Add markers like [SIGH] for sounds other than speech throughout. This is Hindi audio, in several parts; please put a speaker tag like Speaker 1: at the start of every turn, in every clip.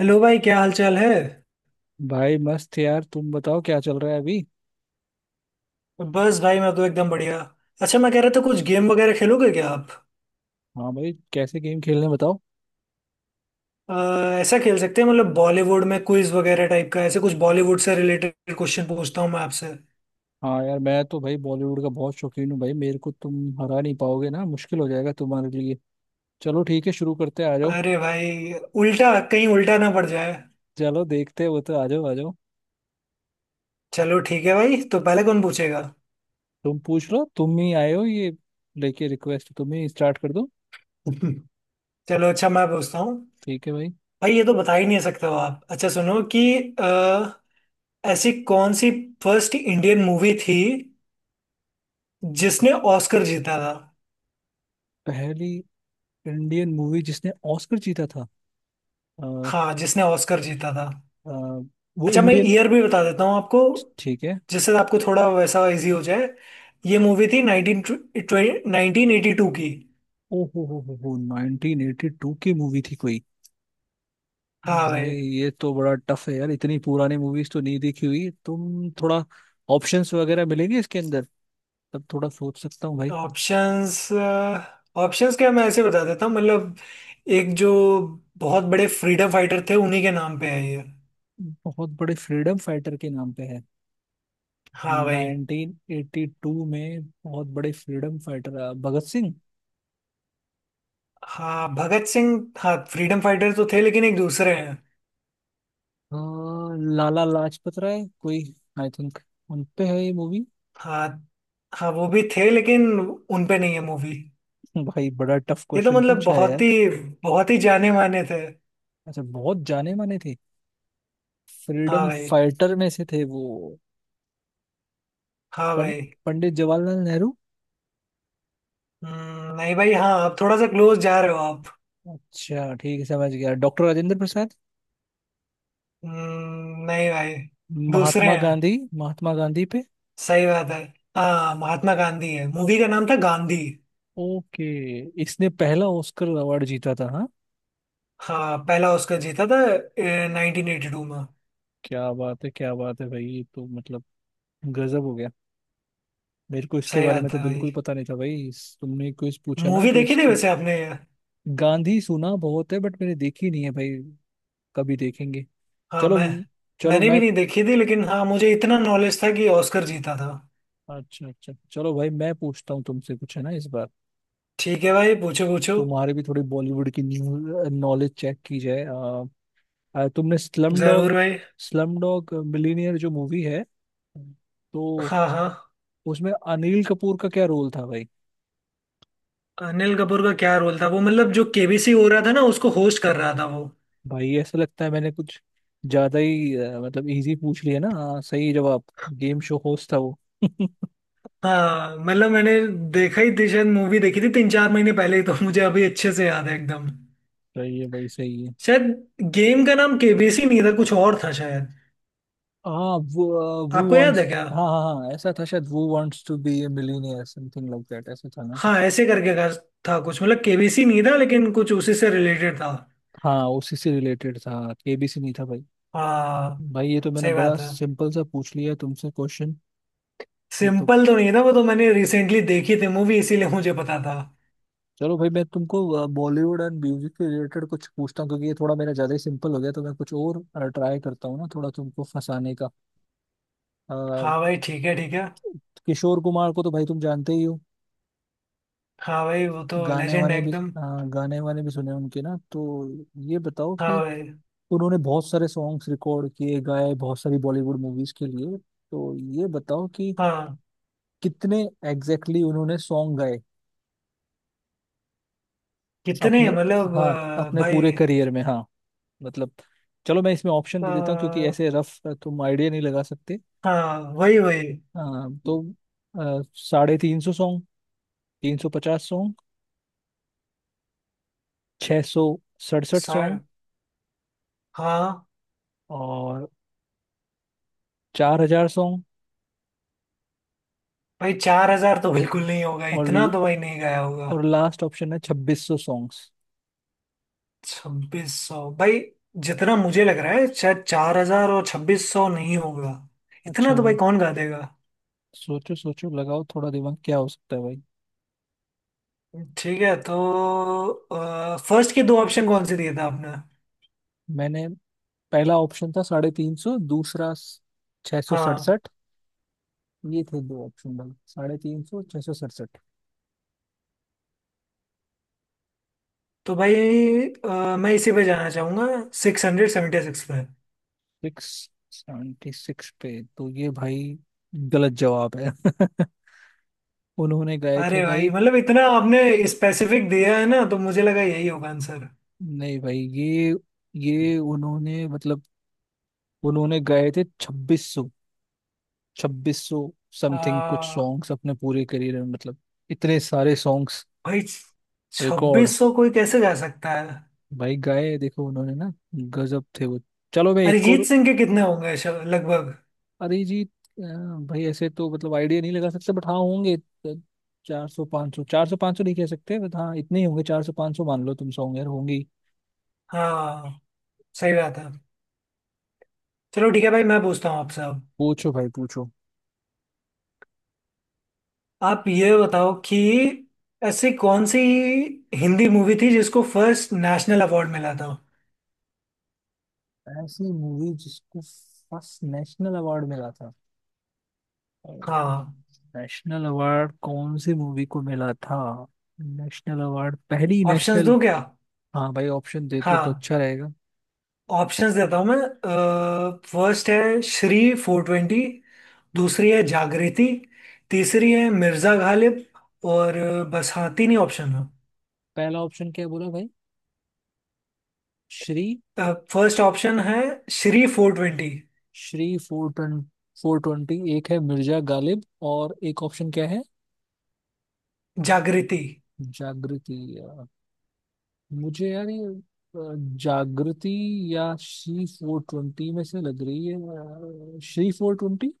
Speaker 1: हेलो भाई, क्या हाल चाल है।
Speaker 2: भाई मस्त यार। तुम बताओ क्या चल रहा है अभी।
Speaker 1: बस भाई, मैं तो एकदम बढ़िया। अच्छा, मैं कह रहा था कुछ गेम वगैरह खेलोगे क्या आप।
Speaker 2: हाँ भाई, कैसे गेम खेलने हैं बताओ।
Speaker 1: अ, ऐसा खेल सकते हैं, मतलब बॉलीवुड में क्विज वगैरह टाइप का, ऐसे कुछ बॉलीवुड से रिलेटेड क्वेश्चन पूछता हूँ मैं आपसे।
Speaker 2: हाँ यार, मैं तो भाई बॉलीवुड का बहुत शौकीन हूँ। भाई मेरे को तुम हरा नहीं पाओगे ना, मुश्किल हो जाएगा तुम्हारे लिए। चलो ठीक है, शुरू करते हैं, आ जाओ।
Speaker 1: अरे भाई, उल्टा कहीं उल्टा ना पड़ जाए।
Speaker 2: चलो देखते हैं वो तो, आ जाओ आ जाओ।
Speaker 1: चलो ठीक है भाई, तो पहले कौन पूछेगा।
Speaker 2: तुम पूछ लो, तुम ही आए हो ये लेके रिक्वेस्ट, तुम ही स्टार्ट कर दो।
Speaker 1: [LAUGHS] चलो अच्छा, मैं पूछता हूँ।
Speaker 2: ठीक है भाई।
Speaker 1: भाई ये तो बता ही नहीं सकते हो आप। अच्छा सुनो कि अ, ऐसी कौन सी फर्स्ट इंडियन मूवी थी जिसने ऑस्कर जीता था।
Speaker 2: पहली इंडियन मूवी जिसने ऑस्कर जीता था। अ,
Speaker 1: हाँ, जिसने ऑस्कर जीता था।
Speaker 2: अ, वो
Speaker 1: अच्छा, मैं
Speaker 2: इंडियन।
Speaker 1: ईयर भी बता देता हूँ आपको
Speaker 2: ठीक है।
Speaker 1: जिससे आपको थोड़ा वैसा इजी हो जाए। ये मूवी थी नाइनटीन नाइनटीन एटी टू की।
Speaker 2: ओ हो, 1982 की मूवी थी कोई।
Speaker 1: हाँ
Speaker 2: भाई
Speaker 1: भाई।
Speaker 2: ये तो बड़ा टफ है यार, इतनी पुरानी मूवीज तो नहीं देखी हुई। तुम थोड़ा ऑप्शंस वगैरह मिलेंगे इसके अंदर तब थोड़ा सोच सकता हूँ भाई।
Speaker 1: ऑप्शंस? ऑप्शंस क्या, मैं ऐसे बता देता हूँ, मतलब एक जो बहुत बड़े फ्रीडम फाइटर थे उन्हीं के नाम पे है ये।
Speaker 2: बहुत बड़े फ्रीडम फाइटर के नाम पे है।
Speaker 1: हाँ भाई।
Speaker 2: 1982 में बहुत बड़े फ्रीडम फाइटर। भगत सिंह?
Speaker 1: हाँ, भगत सिंह। हाँ, फ्रीडम फाइटर तो थे लेकिन एक दूसरे हैं।
Speaker 2: अ, लाला लाजपत राय कोई, आई थिंक उन पे है ये मूवी।
Speaker 1: हाँ हाँ, वो भी थे लेकिन उन पे नहीं है मूवी।
Speaker 2: भाई बड़ा टफ
Speaker 1: ये तो
Speaker 2: क्वेश्चन
Speaker 1: मतलब
Speaker 2: पूछा है यार।
Speaker 1: बहुत ही जाने माने थे।
Speaker 2: अच्छा, बहुत जाने माने थे।
Speaker 1: हाँ
Speaker 2: फ्रीडम
Speaker 1: भाई।
Speaker 2: फाइटर में से थे वो।
Speaker 1: हाँ
Speaker 2: पं-
Speaker 1: भाई।
Speaker 2: पंडित जवाहरलाल नेहरू।
Speaker 1: नहीं भाई। हाँ, आप थोड़ा सा क्लोज जा रहे हो आप।
Speaker 2: अच्छा ठीक है, समझ गया, डॉक्टर राजेंद्र प्रसाद।
Speaker 1: नहीं भाई, दूसरे
Speaker 2: महात्मा
Speaker 1: हैं।
Speaker 2: गांधी। महात्मा गांधी पे।
Speaker 1: सही बात है। हाँ, महात्मा गांधी है, मूवी का नाम था गांधी।
Speaker 2: ओके। इसने पहला ऑस्कर अवार्ड जीता था हाँ।
Speaker 1: हाँ, पहला ऑस्कर जीता था 1982 में।
Speaker 2: क्या बात है, क्या बात है भाई, ये तो मतलब गजब हो गया। मेरे को इसके
Speaker 1: सही
Speaker 2: बारे में
Speaker 1: बात
Speaker 2: तो
Speaker 1: है भाई।
Speaker 2: बिल्कुल पता नहीं था भाई, तुमने कुछ पूछा ना
Speaker 1: मूवी
Speaker 2: तो
Speaker 1: देखी थी
Speaker 2: इसके।
Speaker 1: वैसे आपने।
Speaker 2: गांधी सुना बहुत है बट मैंने देखी नहीं है भाई, कभी देखेंगे।
Speaker 1: हाँ
Speaker 2: चलो।
Speaker 1: मैं,
Speaker 2: चलो
Speaker 1: मैंने भी
Speaker 2: मैं।
Speaker 1: नहीं देखी थी लेकिन हाँ, मुझे इतना नॉलेज था कि ऑस्कर जीता था।
Speaker 2: अच्छा अच्छा, चलो भाई मैं पूछता हूँ तुमसे कुछ है ना इस बार।
Speaker 1: ठीक है भाई, पूछो पूछो।
Speaker 2: तुम्हारे भी थोड़ी बॉलीवुड की न्यूज नॉलेज चेक की जाए। तुमने
Speaker 1: जरूर भाई।
Speaker 2: स्लम डॉग मिलीनियर जो मूवी है तो,
Speaker 1: हाँ हाँ।
Speaker 2: उसमें अनिल कपूर का क्या रोल था भाई?
Speaker 1: अनिल कपूर का क्या रोल था, वो मतलब जो केबीसी हो रहा था ना, उसको होस्ट कर रहा था वो।
Speaker 2: भाई ऐसा लगता है मैंने कुछ ज्यादा ही मतलब इजी पूछ लिया ना। हाँ, सही जवाब। गेम शो होस्ट था वो। [LAUGHS]
Speaker 1: हाँ, मतलब मैंने देखा ही थी शायद, मूवी देखी थी तीन चार महीने पहले ही तो [LAUGHS] मुझे अभी अच्छे से याद है एकदम।
Speaker 2: सही है भाई सही है।
Speaker 1: शायद गेम का नाम केबीसी नहीं था, कुछ और था शायद।
Speaker 2: हाँ वो
Speaker 1: आपको याद है
Speaker 2: वांट्स,
Speaker 1: क्या।
Speaker 2: हाँ हाँ हाँ ऐसा था शायद, वो wants to be a millionaire, something like that, ऐसा था ना
Speaker 1: हाँ,
Speaker 2: कुछ।
Speaker 1: ऐसे करके का था कुछ, मतलब केबीसी नहीं था लेकिन कुछ उसी से रिलेटेड था।
Speaker 2: हाँ, उसी से रिलेटेड था, केबीसी नहीं था भाई।
Speaker 1: हाँ।
Speaker 2: भाई ये तो मैंने
Speaker 1: सही
Speaker 2: बड़ा
Speaker 1: बात है।
Speaker 2: सिंपल सा पूछ लिया तुमसे क्वेश्चन। ये तो,
Speaker 1: सिंपल तो नहीं था, वो तो मैंने रिसेंटली देखी थी मूवी इसीलिए मुझे पता था।
Speaker 2: चलो भाई मैं तुमको बॉलीवुड एंड म्यूजिक के रिलेटेड कुछ पूछता हूँ क्योंकि ये थोड़ा मेरा ज्यादा ही सिंपल हो गया तो मैं कुछ और ट्राई करता हूँ ना, थोड़ा तुमको फंसाने का। अ,
Speaker 1: हाँ भाई, ठीक है ठीक है।
Speaker 2: किशोर कुमार को तो भाई तुम जानते ही हो।
Speaker 1: हाँ भाई, वो तो
Speaker 2: गाने
Speaker 1: लेजेंड है
Speaker 2: वाने भी
Speaker 1: एकदम।
Speaker 2: अ, गाने वाने भी सुने उनके ना तो, ये बताओ
Speaker 1: हाँ
Speaker 2: कि
Speaker 1: भाई।
Speaker 2: उन्होंने बहुत सारे सॉन्ग्स रिकॉर्ड किए, गाए बहुत सारी बॉलीवुड मूवीज के लिए, तो ये बताओ कि
Speaker 1: हाँ।
Speaker 2: कितने एग्जैक्टली exactly उन्होंने सॉन्ग गाए अपने,
Speaker 1: कितने, मतलब
Speaker 2: हाँ अपने पूरे करियर में हाँ, मतलब। चलो मैं इसमें ऑप्शन दे देता हूँ क्योंकि
Speaker 1: भाई,
Speaker 2: ऐसे रफ तुम आइडिया नहीं लगा सकते।
Speaker 1: हाँ वही वही।
Speaker 2: अ, तो अ, 350 सॉन्ग, 350 सॉन्ग, 667 सॉन्ग,
Speaker 1: सर। हाँ
Speaker 2: और 4000 सॉन्ग,
Speaker 1: भाई। 4,000 तो बिल्कुल नहीं होगा, इतना
Speaker 2: और
Speaker 1: तो भाई नहीं गया होगा।
Speaker 2: और लास्ट ऑप्शन है 2600 सॉन्ग्स।
Speaker 1: 2,600 भाई, जितना मुझे लग रहा है शायद 4,000 और 2,600 नहीं होगा। इतना
Speaker 2: अच्छा
Speaker 1: तो भाई
Speaker 2: भाई,
Speaker 1: कौन गा देगा।
Speaker 2: सोचो सोचो लगाओ थोड़ा दिमाग क्या हो सकता है भाई।
Speaker 1: ठीक है, तो फर्स्ट के दो ऑप्शन कौन से दिए थे आपने।
Speaker 2: मैंने पहला ऑप्शन था 350, दूसरा छः सौ
Speaker 1: हाँ।
Speaker 2: सड़सठ ये थे दो ऑप्शन भाई, 350, 667।
Speaker 1: तो भाई मैं इसी पे जाना चाहूंगा, 676 पे।
Speaker 2: 676 पे तो ये भाई गलत जवाब है। [LAUGHS] उन्होंने गाए थे
Speaker 1: अरे भाई,
Speaker 2: भाई।
Speaker 1: मतलब इतना आपने स्पेसिफिक दिया है ना, तो मुझे लगा यही होगा।
Speaker 2: नहीं भाई, ये उन्होंने मतलब, उन्होंने गाए थे 2600, 2600 समथिंग कुछ
Speaker 1: आंसर।
Speaker 2: सॉन्ग्स अपने पूरे करियर में, मतलब इतने सारे सॉन्ग्स
Speaker 1: भाई
Speaker 2: रिकॉर्ड।
Speaker 1: 2,600 कोई कैसे जा सकता है।
Speaker 2: भाई गाए देखो उन्होंने ना, गजब थे वो। चलो मैं एक
Speaker 1: अरिजीत
Speaker 2: और।
Speaker 1: सिंह के कितने होंगे लगभग।
Speaker 2: अरिजीत अ, भाई ऐसे तो मतलब आइडिया नहीं लगा सकते बट, हाँ होंगे 400 500, 400 500 नहीं कह सकते बट हाँ इतने ही होंगे, 400 500 मान लो तुम, सौ होंगे यार होंगी।
Speaker 1: हाँ, सही बात है। चलो ठीक है भाई, मैं पूछता हूँ आपसे अब।
Speaker 2: पूछो भाई पूछो।
Speaker 1: आप ये बताओ कि ऐसी कौन सी हिंदी मूवी थी जिसको फर्स्ट नेशनल अवार्ड मिला था।
Speaker 2: ऐसी मूवी जिसको फर्स्ट नेशनल अवार्ड मिला था।
Speaker 1: हाँ।
Speaker 2: नेशनल अवार्ड कौन सी मूवी को मिला था, नेशनल अवार्ड पहली
Speaker 1: ऑप्शंस
Speaker 2: नेशनल।
Speaker 1: दो क्या।
Speaker 2: हाँ भाई, ऑप्शन दे तो
Speaker 1: हाँ,
Speaker 2: अच्छा रहेगा।
Speaker 1: ऑप्शंस देता हूँ मैं। फर्स्ट है श्री 420। दूसरी है जागृति। तीसरी है मिर्जा गालिब। और बस हाँ, तीन ही ऑप्शन।
Speaker 2: पहला ऑप्शन क्या बोला भाई? श्री
Speaker 1: फर्स्ट ऑप्शन है श्री 420।
Speaker 2: श्री 420, 420 एक है मिर्जा गालिब, और एक ऑप्शन क्या है?
Speaker 1: जागृति।
Speaker 2: जागृति या? मुझे यार ये जागृति या श्री 420 में से लग रही है। श्री 420।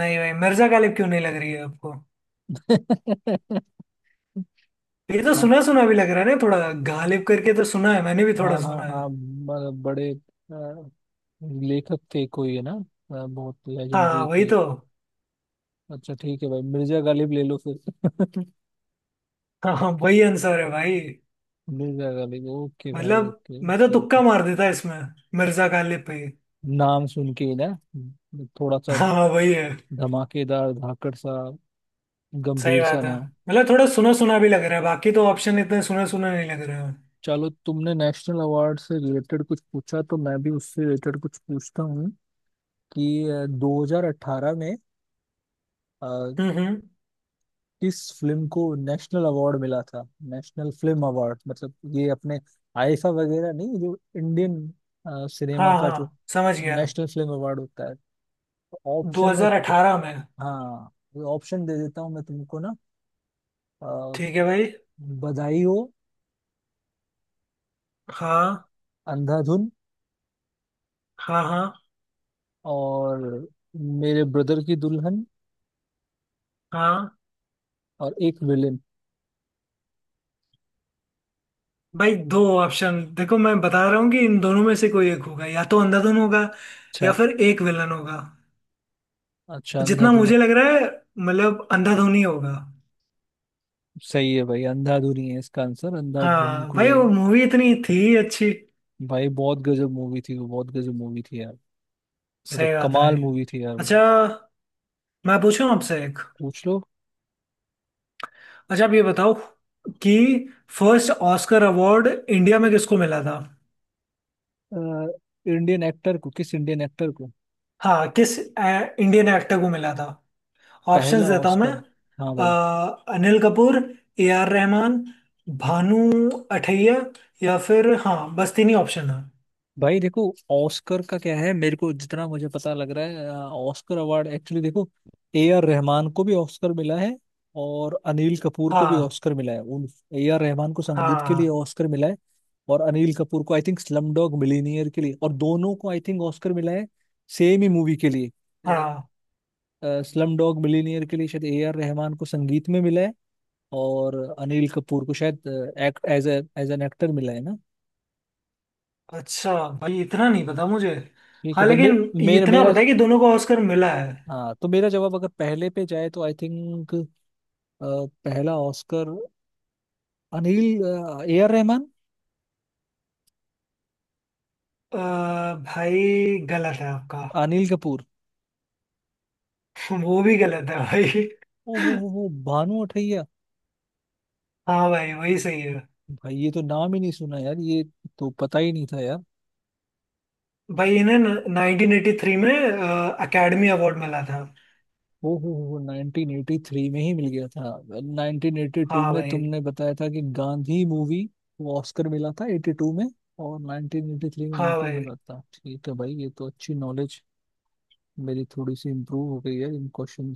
Speaker 1: नहीं भाई, मिर्जा गालिब क्यों नहीं लग रही है आपको।
Speaker 2: [LAUGHS]
Speaker 1: ये तो
Speaker 2: हाँ
Speaker 1: सुना सुना भी लग रहा है ना थोड़ा। गालिब करके तो सुना है, मैंने भी थोड़ा
Speaker 2: हाँ हाँ
Speaker 1: सुना
Speaker 2: हाँ,
Speaker 1: है।
Speaker 2: बड़े लेखक थे कोई है ना, बहुत
Speaker 1: हाँ
Speaker 2: लेजेंडरी
Speaker 1: वही
Speaker 2: कोई।
Speaker 1: तो।
Speaker 2: अच्छा ठीक है भाई, मिर्जा गालिब ले लो फिर।
Speaker 1: हाँ हाँ, वही आंसर है भाई।
Speaker 2: [LAUGHS] मिर्जा गालिब, ओके भाई,
Speaker 1: मतलब
Speaker 2: ओके
Speaker 1: मैं तो
Speaker 2: ओके ओके।
Speaker 1: तुक्का मार देता इसमें, मिर्जा गालिब पे।
Speaker 2: नाम सुन के ही ना थोड़ा सा
Speaker 1: हाँ हाँ, वही है।
Speaker 2: धमाकेदार, धाकड़ सा
Speaker 1: सही
Speaker 2: गंभीर सा
Speaker 1: बात है,
Speaker 2: नाम।
Speaker 1: मतलब थोड़ा सुना सुना भी लग रहा है, बाकी तो ऑप्शन इतने सुना सुना नहीं लग रहे हैं।
Speaker 2: चलो तुमने नेशनल अवार्ड से रिलेटेड कुछ पूछा तो मैं भी उससे रिलेटेड कुछ पूछता हूँ कि 2018 में अ,
Speaker 1: हम्म।
Speaker 2: किस फिल्म को नेशनल अवार्ड मिला था। नेशनल फिल्म अवार्ड, मतलब ये अपने आईफा वगैरह नहीं, जो इंडियन
Speaker 1: हाँ
Speaker 2: सिनेमा का जो
Speaker 1: हाँ, समझ गया।
Speaker 2: नेशनल फिल्म अवार्ड होता है। तो ऑप्शन में तो,
Speaker 1: 2018 में।
Speaker 2: हाँ ऑप्शन दे देता हूँ मैं तुमको ना। अ,
Speaker 1: ठीक है भाई।
Speaker 2: बधाई हो,
Speaker 1: हाँ
Speaker 2: अंधाधुन,
Speaker 1: हाँ हाँ
Speaker 2: और मेरे ब्रदर की दुल्हन,
Speaker 1: हाँ।
Speaker 2: और एक विलेन।
Speaker 1: भाई दो ऑप्शन देखो, मैं बता रहा हूँ कि इन दोनों में से कोई एक होगा, या तो अंधाधुन होगा या फिर एक विलन होगा।
Speaker 2: अच्छा,
Speaker 1: तो जितना
Speaker 2: अंधाधुन है।
Speaker 1: मुझे लग रहा है, मतलब अंधाधुन ही होगा।
Speaker 2: सही है भाई, अंधाधुन ही है इसका आंसर, अंधाधुन
Speaker 1: हाँ भाई,
Speaker 2: कोई।
Speaker 1: वो मूवी इतनी थी अच्छी।
Speaker 2: भाई बहुत गजब मूवी थी वो, बहुत गजब मूवी थी यार, मतलब
Speaker 1: सही बात है।
Speaker 2: कमाल मूवी थी यार वो।
Speaker 1: अच्छा, मैं पूछूं आपसे एक।
Speaker 2: पूछ लो।
Speaker 1: अच्छा, आप ये बताओ कि फर्स्ट ऑस्कर अवार्ड इंडिया में किसको मिला था।
Speaker 2: अ, इंडियन एक्टर को, किस इंडियन एक्टर को,
Speaker 1: हाँ, किस इंडियन एक्टर को मिला था।
Speaker 2: पहला
Speaker 1: ऑप्शंस देता हूँ मैं।
Speaker 2: ऑस्कर? हाँ भाई।
Speaker 1: अनिल कपूर। A R Rahman. भानु अथैया। या फिर हाँ, बस तीन ही ऑप्शन है।
Speaker 2: भाई देखो ऑस्कर का क्या है, मेरे को जितना मुझे पता लग रहा है, ऑस्कर अवार्ड एक्चुअली देखो, ए आर रहमान को भी ऑस्कर मिला है और अनिल कपूर को भी
Speaker 1: हाँ
Speaker 2: ऑस्कर मिला है उन। ए आर रहमान को संगीत के लिए
Speaker 1: हाँ
Speaker 2: ऑस्कर मिला है और अनिल कपूर को I think slumdog millionaire के लिए, और दोनों को आई थिंक ऑस्कर मिला है सेम ही मूवी के लिए,
Speaker 1: हाँ।
Speaker 2: स्लम डॉग मिलीनियर के लिए। शायद ए आर रहमान को संगीत में मिला है और अनिल कपूर को शायद act as as an actor मिला है ना।
Speaker 1: अच्छा भाई, इतना नहीं पता मुझे।
Speaker 2: ठीक है
Speaker 1: हाँ
Speaker 2: भाई, मे,
Speaker 1: लेकिन ये
Speaker 2: मेरा
Speaker 1: इतना
Speaker 2: मेरा
Speaker 1: पता है कि दोनों को ऑस्कर मिला है।
Speaker 2: हाँ तो मेरा जवाब अगर पहले पे जाए तो, आई थिंक पहला Oscar, Anil A R Rahman,
Speaker 1: अ, भाई गलत है आपका।
Speaker 2: अनिल कपूर।
Speaker 1: [LAUGHS] वो भी गलत है भाई।
Speaker 2: ओ हो, भानु अथैया।
Speaker 1: हाँ भाई, वही सही है।
Speaker 2: भाई ये तो नाम ही नहीं सुना यार, ये तो पता ही नहीं था यार।
Speaker 1: भाई इन्हें 1983 में अकेडमी अवार्ड मिला था।
Speaker 2: ओ हो, 1983 में ही मिल गया था। 1982
Speaker 1: हाँ
Speaker 2: में
Speaker 1: भाई।
Speaker 2: तुमने बताया था कि गांधी मूवी को ऑस्कर मिला था '82 में, और 1983 में
Speaker 1: हाँ
Speaker 2: इनको
Speaker 1: भाई।
Speaker 2: मिला था, ठीक है भाई। ये तो अच्छी नॉलेज मेरी थोड़ी सी इम्प्रूव हो गई है इन क्वेश्चन।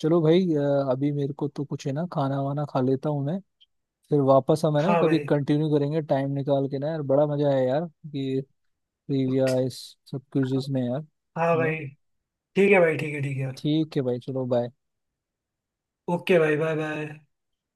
Speaker 2: चलो भाई, अभी मेरे को तो कुछ है ना, खाना वाना खा लेता हूँ मैं, फिर वापस हम है ना
Speaker 1: हाँ
Speaker 2: कभी
Speaker 1: भाई।
Speaker 2: कंटिन्यू करेंगे टाइम निकाल के ना, यार बड़ा मजा आया यार, ये ट्रिविया इस सब क्विज़ेस में यार।
Speaker 1: हाँ
Speaker 2: म-
Speaker 1: भाई। ठीक है भाई, ठीक है ठीक है।
Speaker 2: ठीक है भाई चलो बाय।
Speaker 1: ओके भाई, बाय बाय।